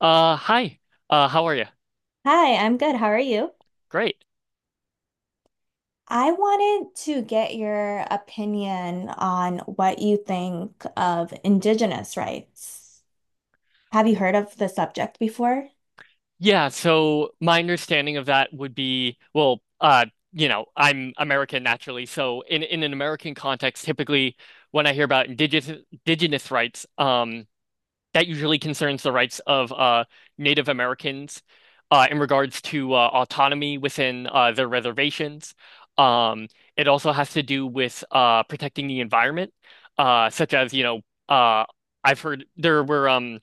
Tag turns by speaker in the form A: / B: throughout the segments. A: Hi. How are you?
B: Hi, I'm good. How are you?
A: Great.
B: I wanted to get your opinion on what you think of Indigenous rights. Have you heard of the subject before?
A: Yeah, so my understanding of that would be, well, I'm American naturally, so in an American context, typically when I hear about indigenous rights, that usually concerns the rights of Native Americans in regards to autonomy within their reservations. Um, it also has to do with protecting the environment, such as, you know, uh I've heard there were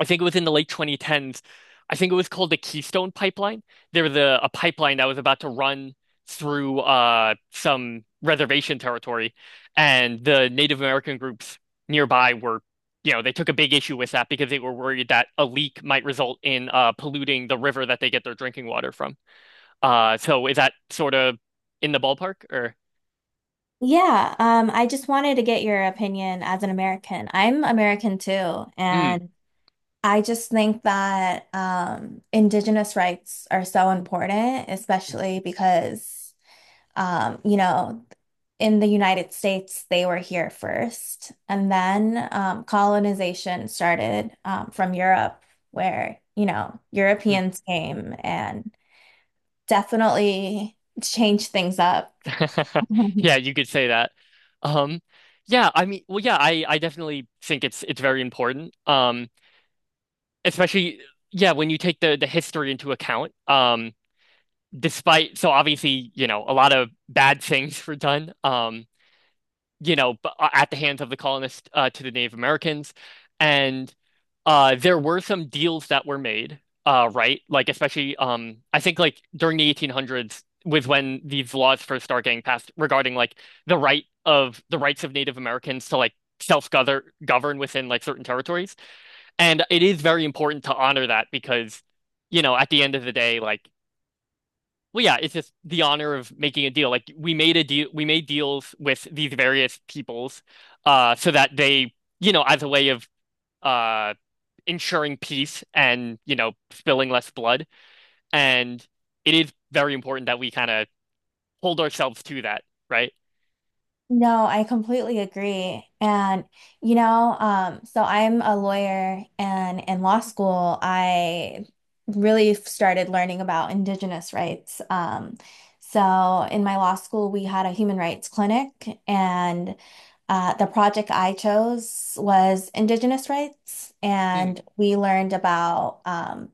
A: I think it was in the late 2010s. I think it was called the Keystone Pipeline. There was a pipeline that was about to run through some reservation territory, and the Native American groups nearby were, you know, they took a big issue with that because they were worried that a leak might result in polluting the river that they get their drinking water from. So is that sort of in the ballpark or?
B: Yeah, I just wanted to get your opinion as an American. I'm American too,
A: Hmm.
B: and I just think that Indigenous rights are so important, especially because Um, you know, in the United States, they were here first. And then colonization started from Europe, where, you know, Europeans came and definitely changed things up.
A: Yeah, you could say that. Um, I definitely think it's very important. Especially, yeah, when you take the history into account. Despite, so obviously, you know, a lot of bad things were done. You know, at the hands of the colonists to the Native Americans. And there were some deals that were made, right? Like, especially, I think, like, during the 1800s was when these laws first start getting passed regarding, like, the rights of Native Americans to, like, self-govern govern within, like, certain territories. And it is very important to honor that because, you know, at the end of the day, like, well, yeah, it's just the honor of making a deal. Like we made deals with these various peoples, so that they, you know, as a way of uh ensuring peace and, you know, spilling less blood. And it is very important that we kind of hold ourselves to that, right?
B: No, I completely agree. And, you know, so I'm a lawyer and in law school, I really started learning about indigenous rights. So in my law school, we had a human rights clinic and the project I chose was indigenous rights.
A: Mm,
B: And we learned about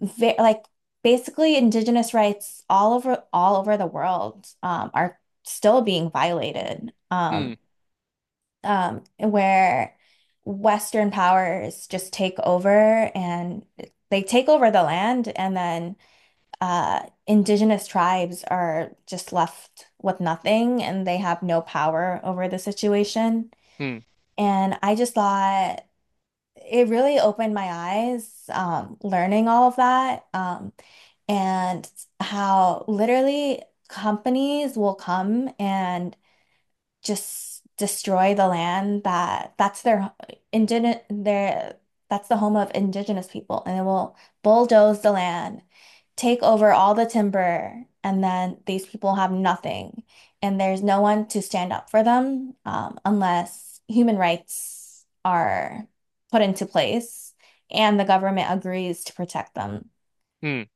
B: ve like basically indigenous rights all over the world are still being violated
A: mm,
B: where Western powers just take over and they take over the land and then indigenous tribes are just left with nothing and they have no power over the situation.
A: mm,
B: And I just thought it really opened my eyes learning all of that. And how literally companies will come and just destroy the land that indigenous their that's the home of indigenous people and it will bulldoze the land, take over all the timber, and then these people have nothing and there's no one to stand up for them unless human rights are put into place and the government agrees to protect them.
A: mm.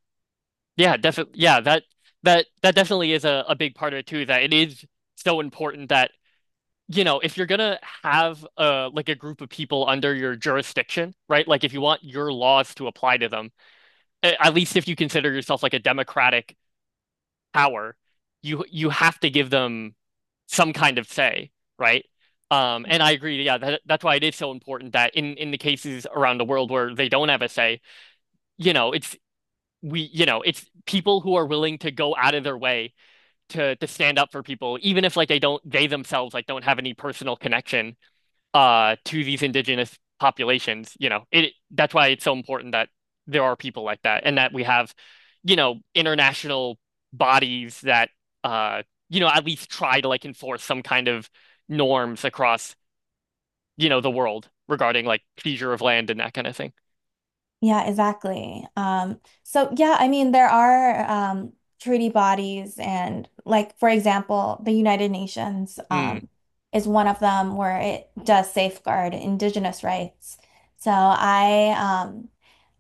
A: Yeah, definitely. Yeah, that definitely is a big part of it too, that it is so important that you know, if you're gonna have like a group of people under your jurisdiction, right? Like if you want your laws to apply to them, at least if you consider yourself like a democratic power, you have to give them some kind of say, right? And I agree, yeah, that, that's why it is so important that in the cases around the world where they don't have a say, you know, it's people who are willing to go out of their way to stand up for people, even if like they themselves like don't have any personal connection to these indigenous populations. You know, it that's why it's so important that there are people like that and that we have, you know, international bodies that uh, you know, at least try to like enforce some kind of norms across, you know, the world regarding like seizure of land and that kind of thing.
B: Yeah, exactly. So yeah, I mean there are treaty bodies and like for example, the United Nations
A: Mm,
B: is one of them where it does safeguard indigenous rights. So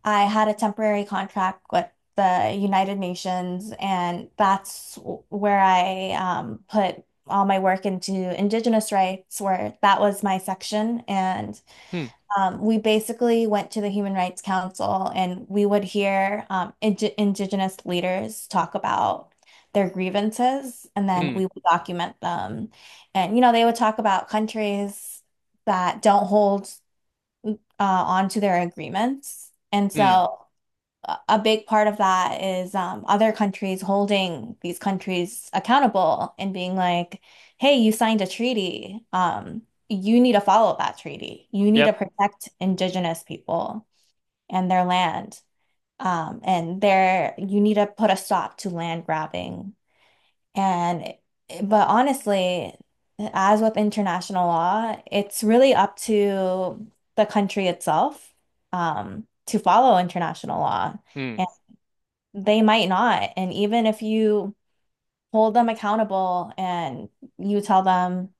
B: I had a temporary contract with the United Nations and that's where I put all my work into indigenous rights where that was my section and
A: mm,
B: we basically went to the Human Rights Council and we would hear indigenous leaders talk about their grievances and then
A: mm,
B: we would document them. And, you know, they would talk about countries that don't hold on to their agreements. And
A: mm.
B: so a big part of that is other countries holding these countries accountable and being like, hey, you signed a treaty. You need to follow that treaty. You need to
A: Yep.
B: protect indigenous people and their land. And there, you need to put a stop to land grabbing. And, but honestly, as with international law, it's really up to the country itself, to follow international law
A: Mm.
B: they might not. And even if you hold them accountable and you tell them,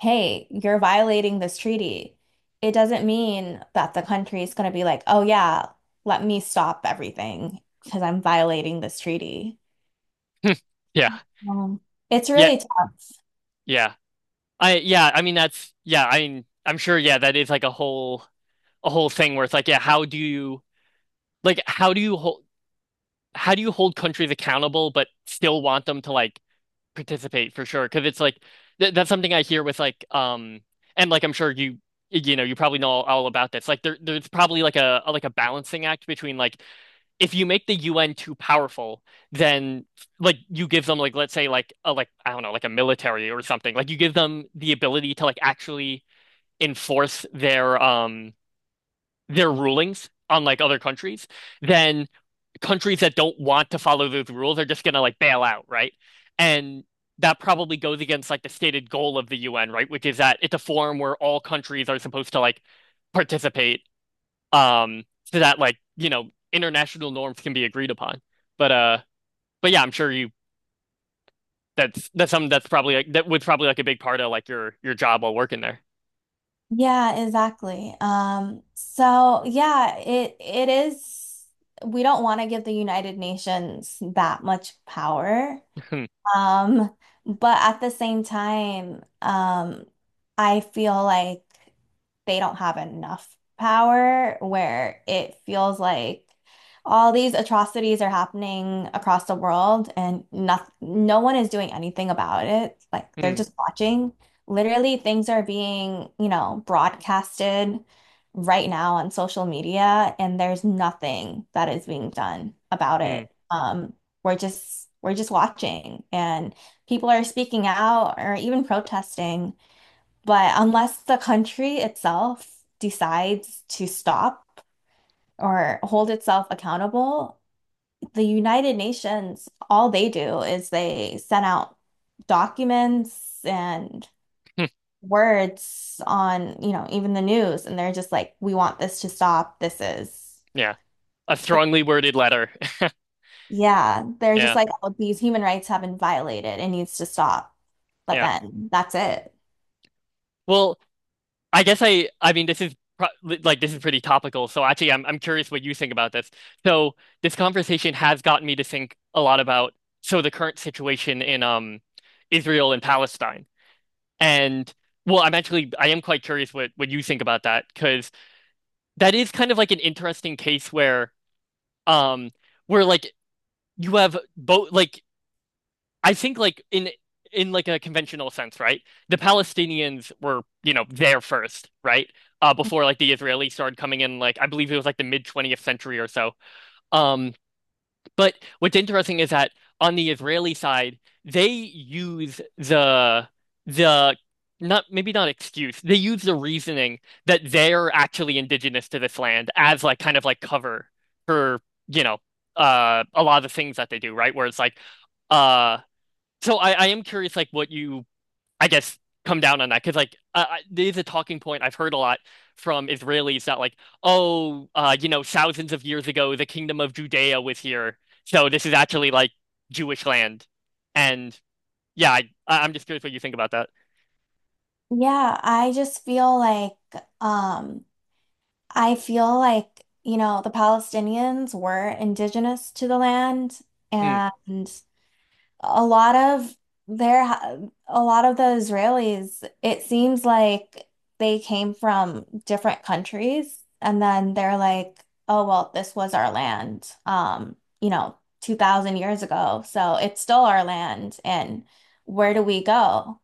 B: hey, you're violating this treaty, it doesn't mean that the country is going to be like, oh, yeah, let me stop everything because I'm violating this treaty.
A: Yeah.
B: Um, it's
A: Yeah.
B: really tough.
A: Yeah. I yeah, I mean that's yeah, I mean I'm sure yeah, that is like a whole thing where it's like, yeah, how do you like how do you hold how do you hold countries accountable but still want them to like participate for sure? Because it's like th that's something I hear with and like I'm sure you know you probably know all about this. Like there's probably like a balancing act between like if you make the UN too powerful, then like you give them like let's say like I don't know like a military or something. Like you give them the ability to like actually enforce their rulings on like other countries. Then countries that don't want to follow those rules are just going to like bail out, right? And that probably goes against like the stated goal of the UN, right? Which is that it's a forum where all countries are supposed to like participate, so that like, you know, international norms can be agreed upon. But uh but yeah, I'm sure you that's something that's probably like that was probably like a big part of like your job while working there.
B: Yeah, exactly. So yeah, it is. We don't want to give the United Nations that much power.
A: Hmm,
B: Um, but at the same time, I feel like they don't have enough power where it feels like all these atrocities are happening across the world and not, no one is doing anything about it. Like they're
A: hmm,
B: just watching. Literally, things are being, you know, broadcasted right now on social media, and there's nothing that is being done about
A: hmm,
B: it. We're just watching and people are speaking out or even protesting. But unless the country itself decides to stop or hold itself accountable, the United Nations, all they do is they send out documents and
A: hmm.
B: words on, you know, even the news, and they're just like, we want this to stop. This is—
A: Yeah. A strongly worded letter.
B: yeah, they're just
A: Yeah,
B: like, oh, these human rights have been violated. It needs to stop. But
A: yeah.
B: then that's it.
A: Well, I guess I mean this is pro like this is pretty topical. So actually I'm curious what you think about this. So this conversation has gotten me to think a lot about the current situation in Israel and Palestine. And well, I am quite curious what you think about that because that is kind of like an interesting case where um where like you have both like I think in like a conventional sense, right? The Palestinians were, you know, there first, right? Before like the Israelis started coming in, like I believe it was like the mid 20th century or so. Um, but what's interesting is that on the Israeli side, they use the not maybe not excuse. They use the reasoning that they're actually indigenous to this land as like kind of like cover for, you know, a lot of the things that they do, right? Where it's like uh so I am curious, like, what you, I guess, come down on that. Because, like, there's a talking point I've heard a lot from Israelis that, like, oh, you know, thousands of years ago, the kingdom of Judea was here. So this is actually, like, Jewish land. And yeah, I'm just curious what you think about that.
B: Yeah, I just feel like um I feel like, you know, the Palestinians were indigenous to the land
A: Hmm,
B: and a lot of their a lot of the Israelis, it seems like they came from different countries and then they're like, oh well, this was our land, you know, 2000 years ago. So it's still our land and where do we go?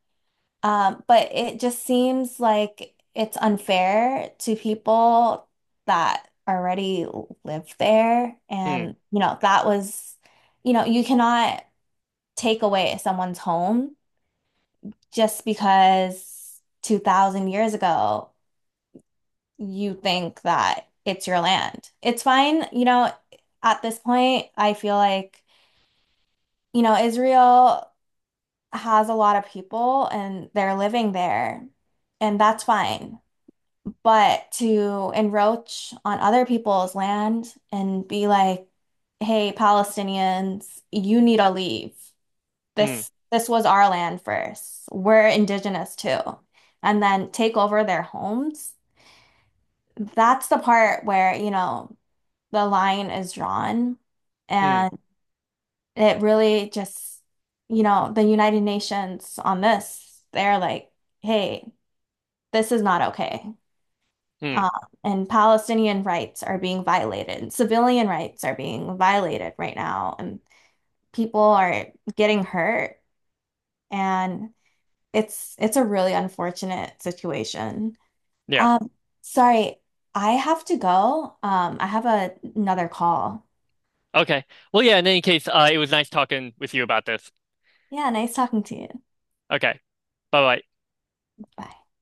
B: But it just seems like it's unfair to people that already live there
A: hmm,
B: and you know, that was— you know, you cannot take away someone's home just because 2000 years ago you think that it's your land. It's fine, you know, at this point, I feel like, you know, Israel has a lot of people and they're living there, and that's fine. But to encroach on other people's land and be like, hey, Palestinians, you need to leave.
A: hmm,
B: This was our land first. We're indigenous too. And then take over their homes. That's the part where, you know, the line is drawn.
A: hmm,
B: And it really just, you know, the United Nations on this, they're like, hey, this is not okay.
A: hmm.
B: Uh, and Palestinian rights are being violated. Civilian rights are being violated right now, and people are getting hurt. And it's a really unfortunate situation.
A: Yeah.
B: Um, sorry, I have to go. I have a, another call.
A: Okay. Well, yeah, in any case, it was nice talking with you about this.
B: Yeah, nice talking to you.
A: Okay. Bye bye.
B: Bye.